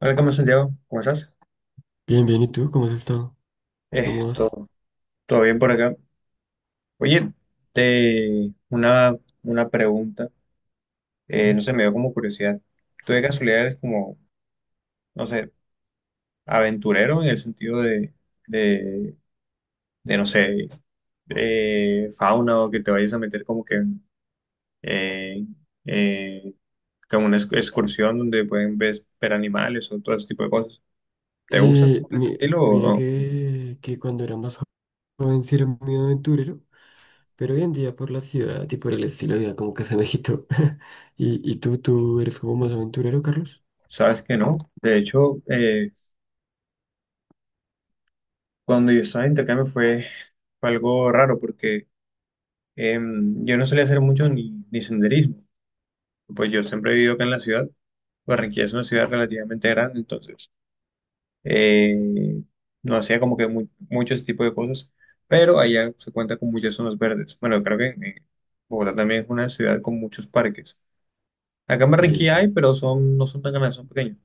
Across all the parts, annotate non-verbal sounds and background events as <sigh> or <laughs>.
Hola, ¿cómo estás, Santiago? ¿Cómo estás? Bien, bien, ¿y tú? ¿Cómo has estado? ¿Cómo vas? Esto, ¿todo bien por acá? Oye, te, una pregunta, no Dime. sé, me dio como curiosidad. ¿Tú de casualidad eres como, no sé, aventurero en el sentido de, de, no sé, fauna o que te vayas a meter como que en eh, eh, como una excursión donde pueden ver, ver animales o todo ese tipo de cosas? ¿Te gusta como ese estilo Mira o- no? que cuando era más joven sí era muy aventurero, pero hoy en día por la ciudad y por el estilo de vida como que se me quitó. <laughs> ¿Y tú eres como más aventurero, Carlos? ¿Sabes que no? De hecho, cuando yo estaba de intercambio fue, fue algo raro porque yo no solía hacer mucho ni, ni senderismo. Pues yo siempre he vivido acá en la ciudad. Barranquilla es una ciudad relativamente grande, entonces eh, no hacía como que mucho ese tipo de cosas. Pero allá se cuenta con muchas zonas verdes. Bueno, creo que Bogotá también es una ciudad con muchos parques. Acá en Sí, Barranquilla hay, sí. pero son, no son tan grandes, son pequeños.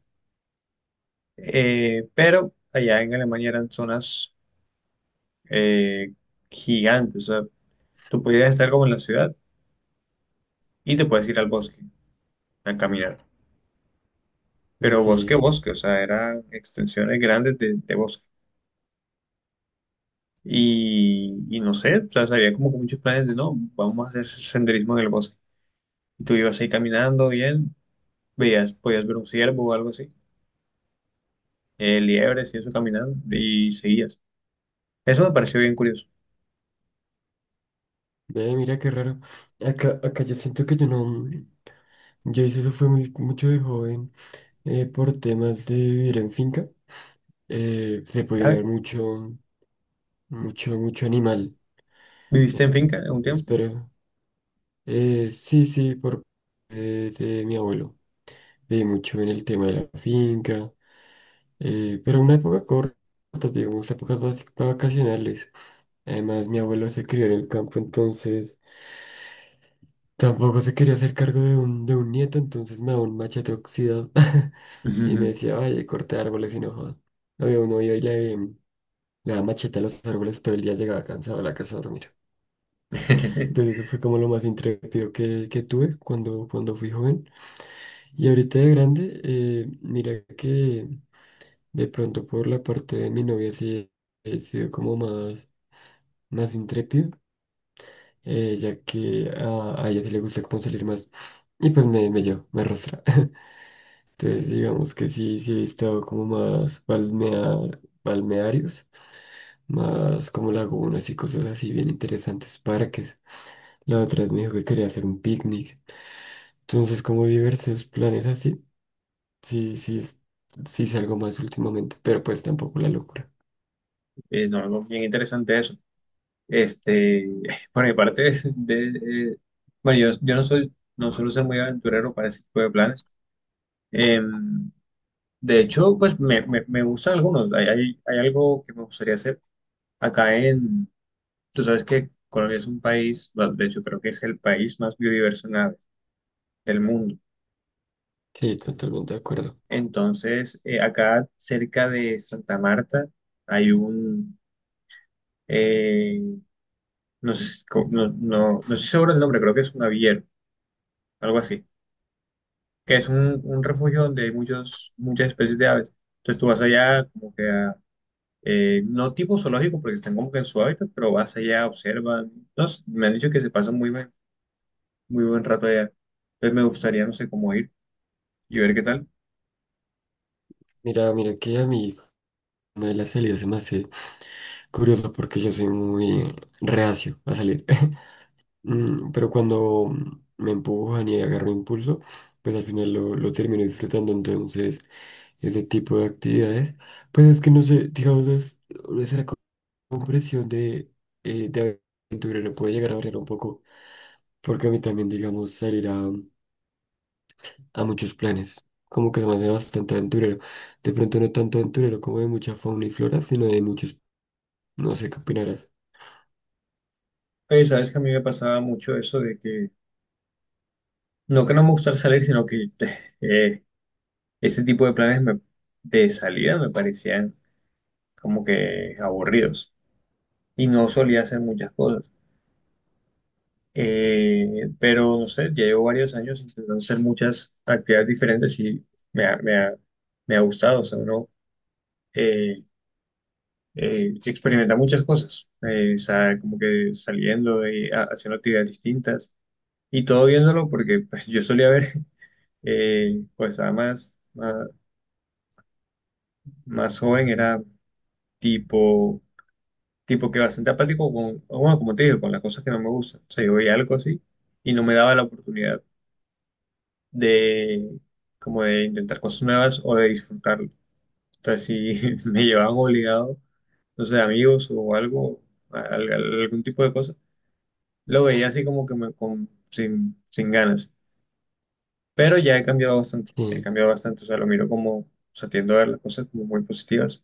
Pero allá en Alemania eran zonas eh, gigantes. O sea, tú podías estar como en la ciudad y te puedes ir al bosque a caminar. Pero Ok. bosque, Ve, bosque, o sea, eran extensiones grandes de bosque. Y no sé, o sea, había como que muchos planes de no, vamos a hacer senderismo en el bosque. Y tú ibas ahí caminando bien, veías, podías ver un ciervo o algo así, liebres y eso caminando, y seguías. Eso me pareció bien curioso. mira qué raro. Acá yo siento que yo no... Yo hice eso fue mucho de joven por temas de vivir en finca. Se podía Ah, ver mucho, mucho animal. ¿viviste en finca un tiempo? Pero... Sí, por parte de mi abuelo. Viví mucho en el tema de la finca, pero una época corta, digamos, épocas vacacionales. Además, mi abuelo se crió en el campo, entonces tampoco se quería hacer cargo de de un nieto, entonces me daba un machete oxidado <laughs> y me decía, vaya, corte árboles y no jodas. Había uno iba y le daba machete a los árboles todo el día, llegaba cansado a la casa a dormir. <laughs> Entonces, eso fue como lo más intrépido que tuve cuando, cuando fui joven. Y ahorita de grande, mira que de pronto por la parte de mi novia sí he sido como más intrépido, ya que a ella sí le gusta como salir más. Y pues me llevo, me arrastra. <laughs> Entonces digamos que sí, sí he estado como más balnearios, más como lagunas y cosas así bien interesantes, parques. La otra vez me dijo que quería hacer un picnic. Entonces como diversos planes así. Sí, sí, es- sí salgo más últimamente, pero pues tampoco la locura. Es no, algo bien interesante eso. Este, <laughs> por mi parte, de, bueno, yo no soy, no suelo ser muy aventurero para ese tipo de planes. Em, de hecho, pues me gustan algunos. Hay algo que me gustaría hacer acá en, tú sabes que Colombia es un país, bueno, de hecho creo que es el país más biodiverso en aves del mundo. Sí, totalmente de acuerdo. Entonces, acá cerca de Santa Marta hay un, eh, no sé, si- no, no, no estoy seguro del nombre, creo que es un aviero, algo así que es un refugio donde hay muchos, muchas especies de aves. Entonces tú vas allá como que a, no tipo zoológico porque están como que en su hábitat, pero vas allá, observan. No sé, me han dicho que se pasa muy buen rato allá. Entonces me gustaría, no sé, cómo ir y ver qué tal. Mira, mira que a mí me de las salidas se me hace curioso porque yo soy muy reacio a salir. <laughs> Pero cuando me empujan y agarro impulso, pues al final lo termino disfrutando. Entonces, ese tipo de actividades, pues es que no sé, digamos, no es la compresión de aventurero puede llegar a variar un poco, porque a mí también, digamos, salir a muchos planes. Como que se me hace bastante aventurero. De pronto no tanto aventurero como de mucha fauna y flora, sino de muchos, no sé qué opinarás. Oye, sabes que a mí me pasaba mucho eso de que no me gustara salir, sino que <laughs> eh, este tipo de planes de salida me parecían como que aburridos. Y no solía hacer muchas cosas. Pero no sé, ya llevo varios años intentando hacer muchas actividades diferentes y me ha, me ha gustado. O sea, uno eh, experimenta muchas cosas, o sea, como que saliendo y haciendo actividades distintas y todo viéndolo, porque pues, yo solía ver, <laughs> pues estaba más, más, más joven, era tipo, tipo que bastante apático con, bueno, como te digo, con las cosas que no me gustan. O sea, yo veía algo así y no me daba la oportunidad de como de intentar cosas nuevas o de disfrutarlo. Entonces, si <laughs> me llevaban obligado, no sé, amigos o algo, algún tipo de cosa, lo veía así como que me, con, sin, sin ganas. Pero ya he Sí, cambiado bastante, o sea, lo miro como, o sea, tiendo a ver las cosas como muy positivas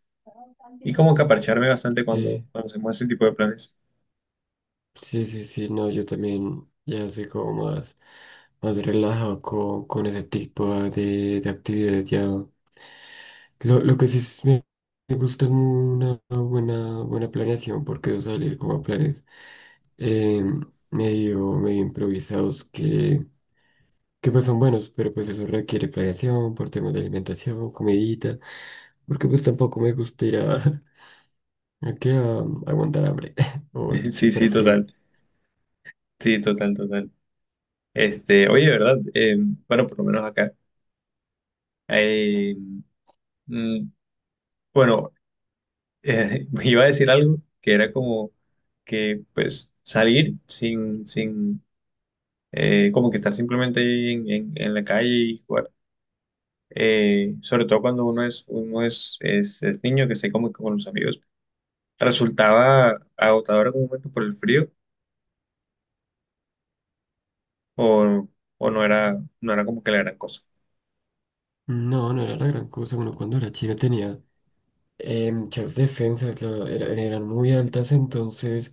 y como que aparcharme bastante cuando, sí, cuando hacemos ese tipo de planes. sí, sí, sí, no, yo también ya soy como más, más relajado con ese tipo de actividades ya. Lo que sí me gusta es una buena, buena planeación, porque eso salir como a planes eh, medio, medio improvisados que pues son buenos, pero pues eso requiere planeación por temas de alimentación, comidita, porque pues tampoco me gusta ir <laughs> a que a aguantar hambre <laughs> o <laughs> Sí, chupar frío. Sí, total, total. Este, oye, ¿verdad? Bueno, por lo menos acá. eh, mm, bueno, <laughs> iba a decir algo que era como que pues salir sin, sin como que estar simplemente ahí en, en la calle y jugar. Sobre todo cuando uno es niño que se comunica con los amigos. Resultaba agotador en algún momento por el frío o, o no era, no era como que la gran cosa. <laughs> No, no era la gran cosa. Bueno, cuando era chino tenía muchas defensas, eran muy altas, entonces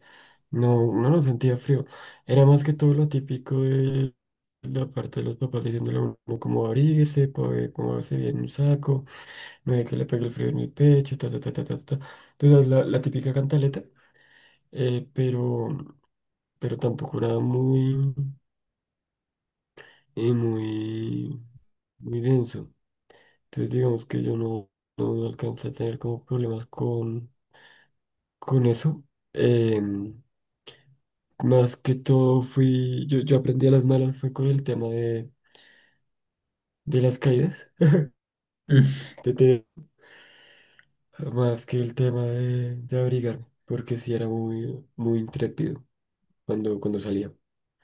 no sentía frío. Era más que todo lo típico de la parte de los papás diciéndole a uno como abríguese, póngase bien un saco. No da que le pegue el frío en el pecho, ta, ta, ta, ta, ta, ta. Entonces, la típica cantaleta, eh, pero, pero tampoco era muy, muy, muy denso. Entonces, digamos que yo no alcancé a tener como problemas con eso. Em, Más que todo fui, yo aprendí a las malas fue con el tema de las caídas, Mm. <laughs> de tener, más que el tema de abrigarme, porque sí era muy, muy intrépido cuando, cuando salía.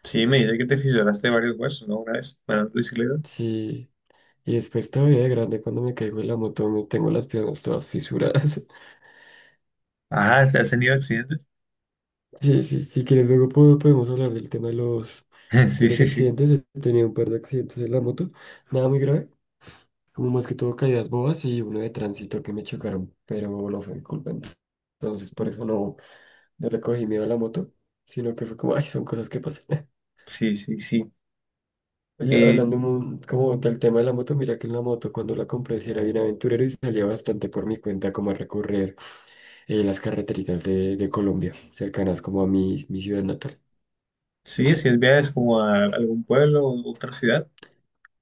Sí, me dice que te fisuraste varios huesos, ¿no? Una vez, manejando bicicleta. Sí. Y después todavía de grande cuando me caigo en la moto me tengo las piernas todas fisuradas. <laughs> Ajá, ¿has tenido accidentes? Sí, sí, si quieres luego podemos hablar del tema <laughs> de Sí, los sí, sí. accidentes. He tenido un par de accidentes en la moto. Nada muy grave, como más que todo caídas bobas y uno de tránsito que me chocaron, pero no fue mi culpa. Entonces por eso no le cogí miedo a la moto, sino que fue como, ay, son cosas que pasan. <laughs> Sí, sí, sí. Oye, Eh, hablando como del tema de la moto, mira que en la moto cuando la compré sí era bien aventurero y salía bastante por mi cuenta como a recorrer. Eh, las carreteritas de Colombia, cercanas como a mi ciudad natal. sí, si es viajes como a algún pueblo o otra ciudad.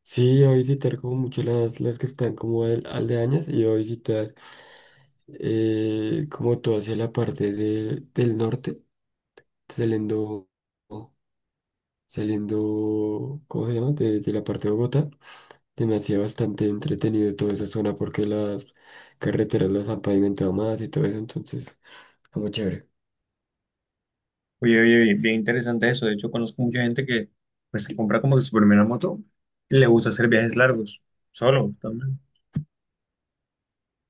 Sí, iba a visitar como mucho las que están como aldeañas y iba a visitar como todo hacia la parte del norte, saliendo, saliendo, ¿cómo se llama? De la parte de Bogotá. Se me hacía bastante entretenido toda esa zona porque las carreteras las han pavimentado más y todo eso, entonces, como chévere. Oye, oye, oye, bien interesante eso. De hecho, conozco mucha gente que pues se compra como que su primera moto y le gusta hacer viajes largos, solo también.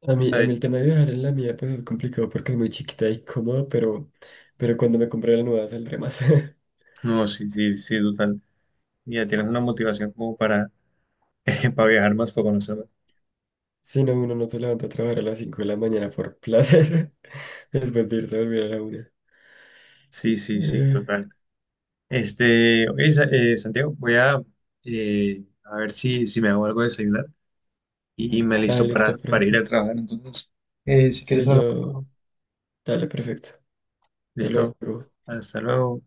A mí Ay, el tema de viajar en la mía pues es complicado porque es muy chiquita y cómoda, pero cuando me compré la nueva saldré más. <laughs> no, sí, sí, sí, total. Ya tienes una motivación como para, <laughs> para viajar más, para conocer más. Si no, uno no se levanta a trabajar a las 5 de la mañana por placer, <laughs> después de irse a dormir a la 1. Sí, sí, sí, Eh, total. Este, oye, Santiago, voy a ver si, si me hago algo de desayunar y me listo Listo, para ir perfecto. a trabajar. Entonces, si quieres Sí, hablar. yo... Dale, perfecto. Hasta Listo. luego. Hasta luego.